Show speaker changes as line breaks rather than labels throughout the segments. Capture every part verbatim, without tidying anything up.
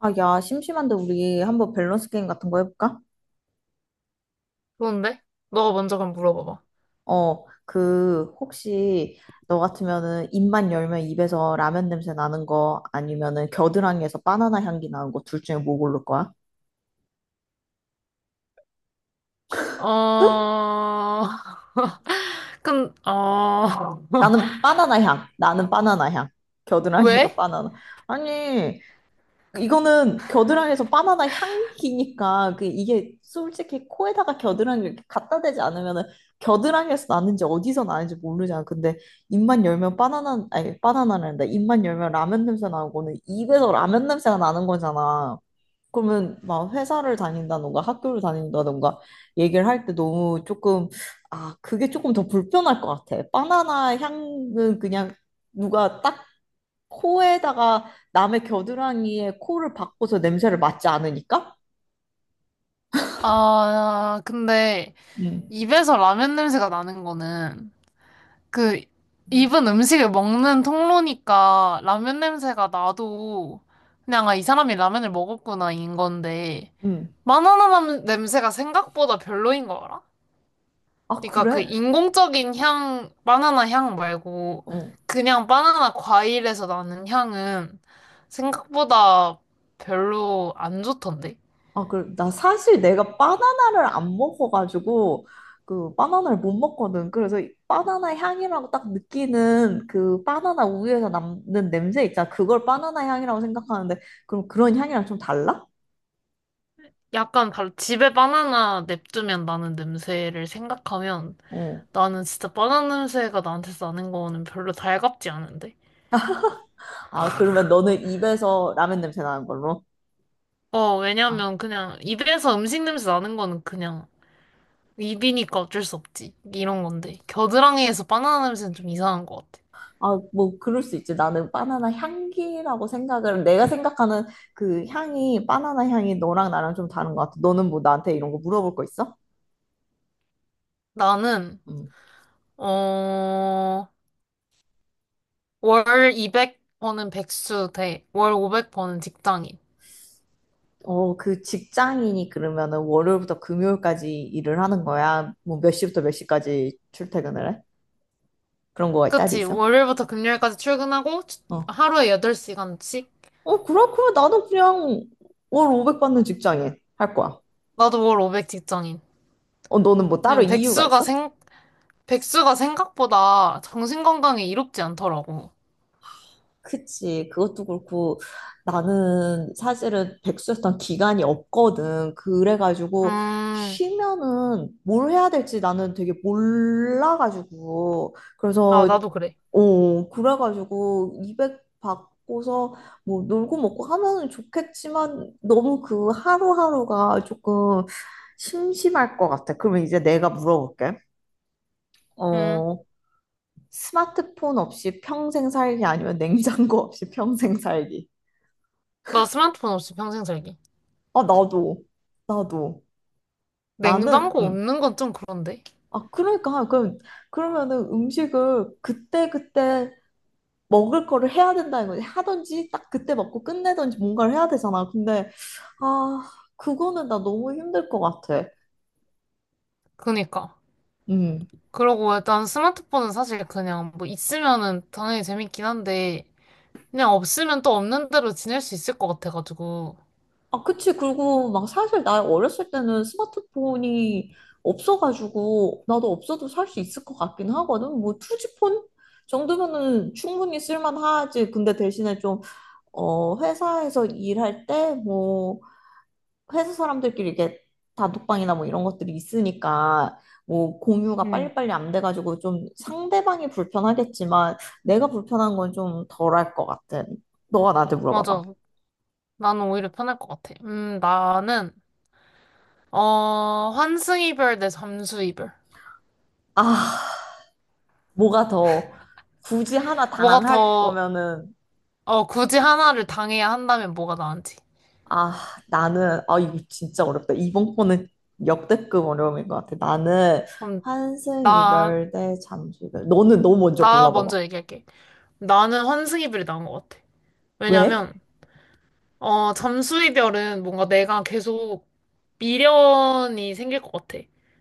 아, 야, 심심한데 우리 한번 밸런스 게임 같은 거 해볼까?
좋은데? 너가 먼저 그럼 물어봐봐.
어, 그, 혹시 너 같으면은 입만 열면 입에서 라면 냄새 나는 거 아니면은 겨드랑이에서 바나나 향기 나는 거 둘 중에 뭐 고를 거야?
어, 근, 어,
나는 바나나 향. 나는 바나나 향. 겨드랑이에서
왜?
바나나. 아니, 이거는 겨드랑이에서 바나나 향기니까 그 이게 솔직히 코에다가 겨드랑이 이렇게 갖다 대지 않으면은 겨드랑이에서 나는지 어디서 나는지 모르잖아. 근데 입만 열면 바나나 아니 바나나란다. 입만 열면 라면 냄새 나고는 입에서 라면 냄새가 나는 거잖아. 그러면 막 회사를 다닌다던가 학교를 다닌다던가 얘기를 할 때 너무 조금 아 그게 조금 더 불편할 것 같아. 바나나 향은 그냥 누가 딱 코에다가 남의 겨드랑이에 코를 박고서 냄새를 맡지 않으니까?
아, 근데
음.
입에서 라면 냄새가 나는 거는 그 입은 음식을 먹는 통로니까 라면 냄새가 나도 그냥 아, 이 사람이 라면을 먹었구나 인 건데
응.
마나나 남- 냄새가 생각보다 별로인 거 알아?
아,
그러니까 그
그래?
인공적인 향, 바나나 향 말고
어.
그냥 바나나 과일에서 나는 향은 생각보다 별로 안 좋던데?
아, 그래. 나 사실 내가 바나나를 안 먹어가지고, 그, 바나나를 못 먹거든. 그래서 이 바나나 향이라고 딱 느끼는 그 바나나 우유에서 남는 냄새 있잖아. 그걸 바나나 향이라고 생각하는데, 그럼 그런 향이랑 좀 달라?
약간 바- 집에 바나나 냅두면 나는 냄새를 생각하면
어.
나는 진짜 바나나 냄새가 나한테 나는 거는 별로 달갑지 않은데?
아, 그러면 너는 입에서 라면 냄새 나는 걸로?
어,
아.
왜냐면 그냥 입에서 음식 냄새 나는 거는 그냥 입이니까 어쩔 수 없지. 이런 건데. 겨드랑이에서 바나나 냄새는 좀 이상한 것 같아.
아, 뭐, 그럴 수 있지. 나는 바나나 향기라고 생각을, 내가 생각하는 그 향이, 바나나 향이 너랑 나랑 좀 다른 것 같아. 너는 뭐 나한테 이런 거 물어볼 거 있어?
나는
응.
어, 월 이백 번은 백수 대, 월 오백 번은 직장인.
어, 그 직장인이 그러면은 월요일부터 금요일까지 일을 하는 거야? 뭐 몇 시부터 몇 시까지 출퇴근을 해? 그런 거가 따로
그치?
있어?
월요일부터 금요일까지 출근하고 주-
어.
하루에 여덟 시간씩?
어, 그렇구면 나도 그냥 월 오백 받는 직장인 할 거야.
나도 월 오백 직장인.
어, 너는 뭐 따로
그냥
이유가
백수가
있어?
생, 백수가 생각보다 정신건강에 이롭지 않더라고.
그치. 그것도 그렇고 나는 사실은 백수였던 기간이 없거든. 그래가지고
음.
쉬면은 뭘 해야 될지 나는 되게 몰라가지고.
아,
그래서,
나도 그래.
어, 그래가지고 이백 받고서 뭐 놀고 먹고 하면은 좋겠지만 너무 그 하루하루가 조금 심심할 것 같아. 그러면 이제 내가 물어볼게.
음,
어, 스마트폰 없이 평생 살기 아니면 냉장고 없이 평생 살기.
나 스마트폰 없이 평생 살기.
아, 나도. 나도. 나는,
냉장고
음.
없는 건 좀 그런데?
아, 그러니까. 그럼, 그러면은 음식을 그때그때 먹을 거를 해야 된다는 거지. 하든지, 딱 그때 먹고 끝내든지 뭔가를 해야 되잖아. 근데, 아, 그거는 나 너무 힘들 것 같아.
그니까.
음.
그러고 일단 스마트폰은 사실 그냥 뭐 있으면은 당연히 재밌긴 한데, 그냥 없으면 또 없는 대로 지낼 수 있을 것 같아가지고.
아, 그치. 그리고 막 사실 나 어렸을 때는 스마트폰이 없어가지고, 나도 없어도 살 수 있을 것 같긴 하거든. 뭐, 투지폰? 정도면은 충분히 쓸만하지. 근데 대신에 좀 어, 회사에서 일할 때, 뭐, 회사 사람들끼리 이렇게 단톡방이나 뭐 이런 것들이 있으니까, 뭐, 공유가
응,
빨리빨리 안 돼가지고 좀 상대방이 불편하겠지만, 내가 불편한 건 좀 덜할 것 같은. 너가 나한테
맞아.
물어봐봐.
나는 오히려 편할 것 같아. 음, 나는, 어, 환승이별 대 잠수이별.
아, 뭐가 더, 굳이 하나
뭐가
당할
더,
거면은,
어, 굳이 하나를 당해야 한다면 뭐가 나은지.
아, 나는, 아, 이거 진짜 어렵다. 이번 거는 역대급 어려움인 것 같아. 나는
그럼,
환승,
나,
이별 대 잠수 이별. 너는 너 먼저
나
골라봐봐.
먼저 얘기할게. 나는 환승이별이 나은 것 같아.
왜?
왜냐면, 어, 잠수 이별은 뭔가 내가 계속 미련이 생길 것 같아.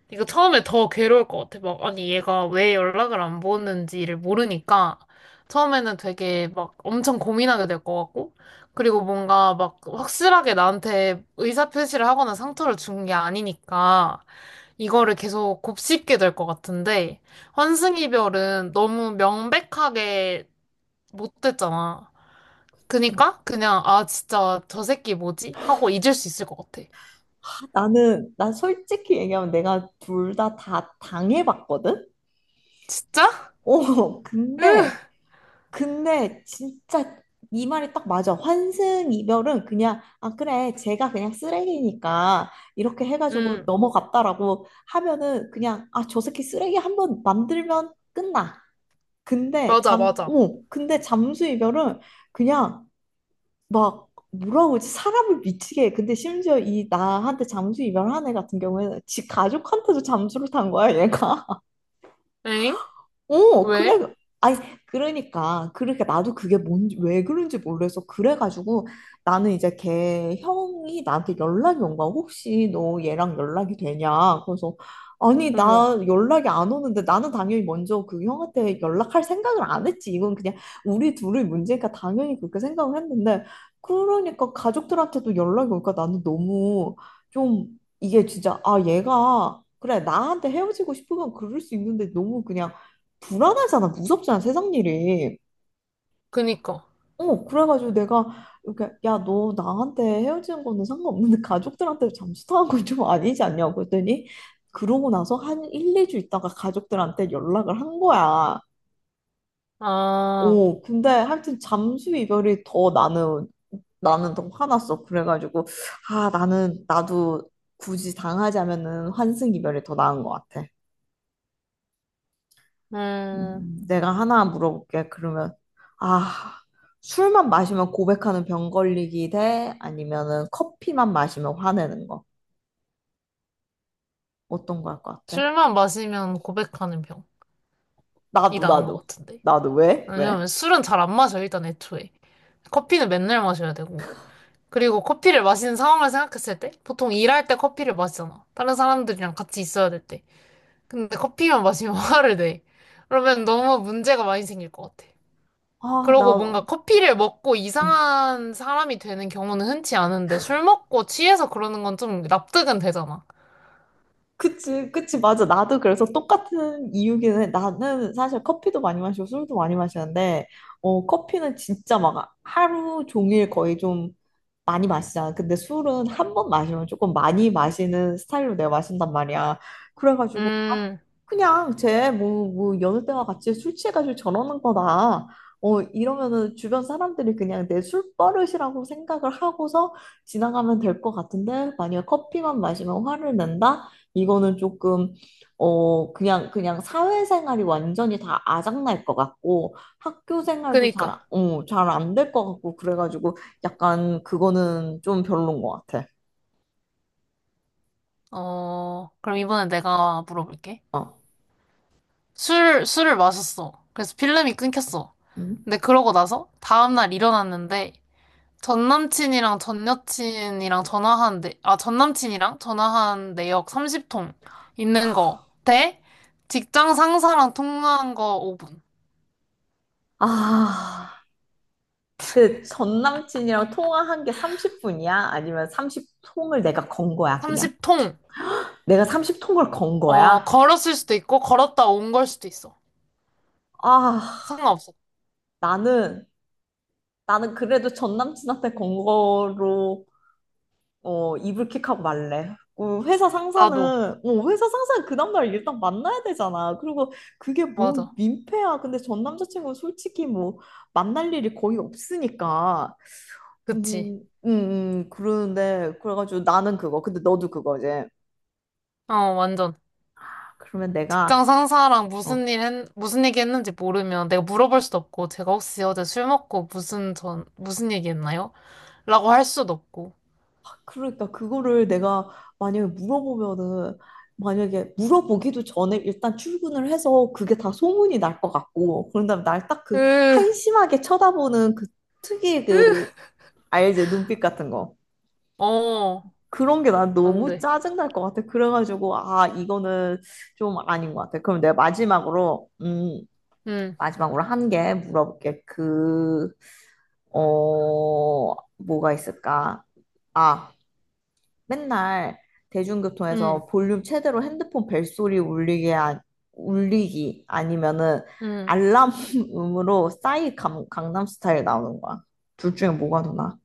그러니까 처음에 더 괴로울 것 같아. 막, 아니, 얘가 왜 연락을 안 보는지를 모르니까 처음에는 되게 막 엄청 고민하게 될 것 같고, 그리고 뭔가 막 확실하게 나한테 의사표시를 하거나 상처를 준 게 아니니까 이거를 계속 곱씹게 될 것 같은데, 환승 이별은 너무 명백하게 못 됐잖아. 그니까 그냥 아 진짜 저 새끼 뭐지? 하고 잊을 수 있을 것 같아.
나는, 나 솔직히 얘기하면 내가 둘 다 다 당해봤거든?
진짜?
어,
으,
근데, 근데 진짜 이 말이 딱 맞아. 환승 이별은 그냥, 아, 그래, 제가 그냥 쓰레기니까 이렇게 해가지고
응,
넘어갔다라고 하면은 그냥, 아, 저 새끼 쓰레기 한 번 만들면 끝나. 근데
맞아,
잠,
맞아.
어, 근데 잠수 이별은 그냥 막 뭐라 그러지? 사람을 미치게 해. 근데 심지어 이 나한테 잠수 이별한 애 같은 경우에는 지 가족한테도 잠수를 탄 거야, 얘가.
엥?
어, 그래.
왜?
아니, 그러니까, 그렇게, 나도 그게 뭔지, 왜 그런지 몰라서, 그래가지고, 나는 이제 걔 형이 나한테 연락이 온 거야. 혹시 너 얘랑 연락이 되냐? 그래서, 아니,
어머,
나 연락이 안 오는데, 나는 당연히 먼저 그 형한테 연락할 생각을 안 했지. 이건 그냥 우리 둘의 문제니까 당연히 그렇게 생각을 했는데, 그러니까 가족들한테도 연락이 오니까 나는 너무 좀, 이게 진짜, 아, 얘가, 그래, 나한테 헤어지고 싶으면 그럴 수 있는데, 너무 그냥, 불안하잖아. 무섭잖아. 세상 일이.
그니까.
어, 그래가지고 내가 이렇게 야, 너 나한테 헤어지는 거는 상관없는데 가족들한테 잠수 타는 건 좀 아니지 않냐고 했더니 그러고 나서 한 일, 이 주 있다가 가족들한테 연락을 한 거야.
아,
어, 근데 하여튼 잠수 이별이 더 나는 나는 더 화났어. 그래가지고 아, 나는 나도 굳이 당하자면은 환승 이별이 더 나은 것 같아.
음,
음, 내가 하나 물어볼게. 그러면, 아, 술만 마시면 고백하는 병 걸리기 대 아니면은 커피만 마시면 화내는 거. 어떤 거 할 것 같아?
술만 마시면 고백하는 병이
나도,
나은 것
나도.
같은데.
나도. 왜? 왜?
왜냐면 술은 잘 안 마셔, 일단 애초에. 커피는 맨날 마셔야 되고. 그리고 커피를 마시는 상황을 생각했을 때, 보통 일할 때 커피를 마시잖아. 다른 사람들이랑 같이 있어야 될 때. 근데 커피만 마시면 화를 내. 그러면 너무 문제가 많이 생길 것 같아.
아,
그러고 뭔가
나도.
커피를 먹고 이상한 사람이 되는 경우는 흔치 않은데 술 먹고 취해서 그러는 건 좀 납득은 되잖아.
그치, 그치, 맞아. 나도 그래서 똑같은 이유기는 해. 나는 사실 커피도 많이 마시고 술도 많이 마시는데, 어, 커피는 진짜 막 하루 종일 거의 좀 많이 마시잖아. 근데 술은 한 번 마시면 조금 많이 마시는 스타일로 내가 마신단 말이야. 그래가지고
음,
그냥 쟤 뭐, 뭐 여느 때와 같이 술 취해가지고 저러는 거다. 어, 이러면은 주변 사람들이 그냥 내 술버릇이라고 생각을 하고서 지나가면 될 것 같은데 만약 커피만 마시면 화를 낸다? 이거는 조금 어 그냥 그냥 사회생활이 완전히 다 아작날 것 같고 학교 생활도 잘, 안-
그니까.
어, 잘 안 될 것 같고 그래가지고 약간 그거는 좀 별론 것 같아.
어, 그럼 이번에 내가 물어볼게.
어.
술, 술을 마셨어. 그래서 필름이 끊겼어.
음.
근데 그러고 나서 다음날 일어났는데 전 남친이랑 전 여친이랑 전화한 내, 아, 전 남친이랑 전화한 내역 삼십 통 있는 거 대 직장 상사랑 통화한 거 오 분.
아. 그 전 남친이랑 통화한 게 삼십 분이야? 아니면 삼십 통을 내가 건 거야, 그냥?
삼십 통!
내가 삼십 통을 건
어,
거야?
걸었을 수도 있고, 걸었다 온 걸 수도 있어.
아,
상관없어.
나는, 나는 그래도 전 남친한테 건 거로, 어, 이불킥하고 말래. 어, 회사 상사는,
나도.
어, 회사 상사는 그 다음날 일단 만나야 되잖아. 그리고 그게 뭔
맞아.
민폐야. 근데 전 남자친구는 솔직히 뭐, 만날 일이 거의 없으니까.
그치.
음, 음, 음, 그러는데, 그래가지고 나는 그거. 근데 너도 그거지.
어, 완전.
그러면 내가
직장 상사랑
어
무슨 일 했, 무슨 얘기 했는지 모르면 내가 물어볼 수도 없고, 제가 혹시 어제 술 먹고 무슨 전, 무슨 얘기 했나요? 라고 할 수도 없고.
그러니까 그거를 내가 만약에 물어보면은 만약에 물어보기도 전에 일단 출근을 해서 그게 다 소문이 날 것 같고 그런 다음에 날 딱 그
으,
한심하게 쳐다보는 그 특유의
으,
그 알지 눈빛 같은 거
어,
그런 게 난
안
너무
돼.
짜증 날 것 같아 그래가지고 아 이거는 좀 아닌 것 같아 그럼 내가 마지막으로 음
응,
마지막으로 한 개 물어볼게 그 어 뭐가 있을까 아 맨날
응,
대중교통에서 볼륨 최대로 핸드폰 벨소리 울리게, 하- 울리기 아니면은
응.
알람음으로 싸이 강, 강남 스타일 나오는 거야. 둘 중에 뭐가 더 나아?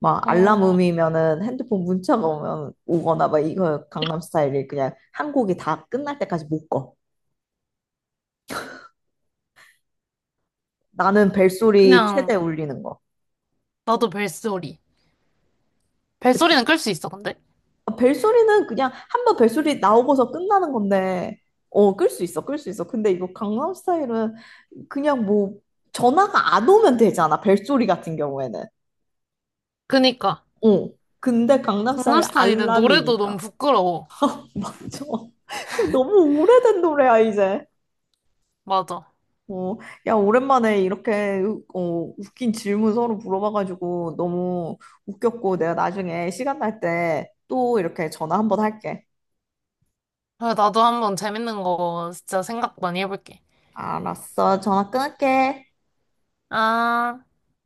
막
어,
알람음이면은 핸드폰 문자가 오면 오거나 막 이거 강남 스타일이 그냥 한 곡이 다 끝날 때까지 못 꺼. 나는 벨소리 최대
그냥,
울리는 거.
나도 벨소리. 벨소리는 끌 수 있어, 근데.
아, 벨소리는 그냥 한번 벨소리 나오고서 끝나는 건데, 어, 끌 수 있어, 끌 수 있어. 근데 이거 강남 스타일은 그냥 뭐 전화가 안 오면 되잖아, 벨소리 같은 경우에는.
그니까.
어. 근데 강남
강남
스타일
스타일은 노래도 너무
알람이니까.
부끄러워.
맞아. 그리고 너무 오래된 노래야, 이제.
맞아.
어, 야, 오랜만에 이렇게 어, 웃긴 질문 서로 물어봐가지고 너무 웃겼고 내가 나중에 시간 날 때 또 이렇게 전화 한번 할게.
그래, 나도 한번 재밌는 거 진짜 생각 많이 해볼게.
알았어, 전화 끊을게.
아.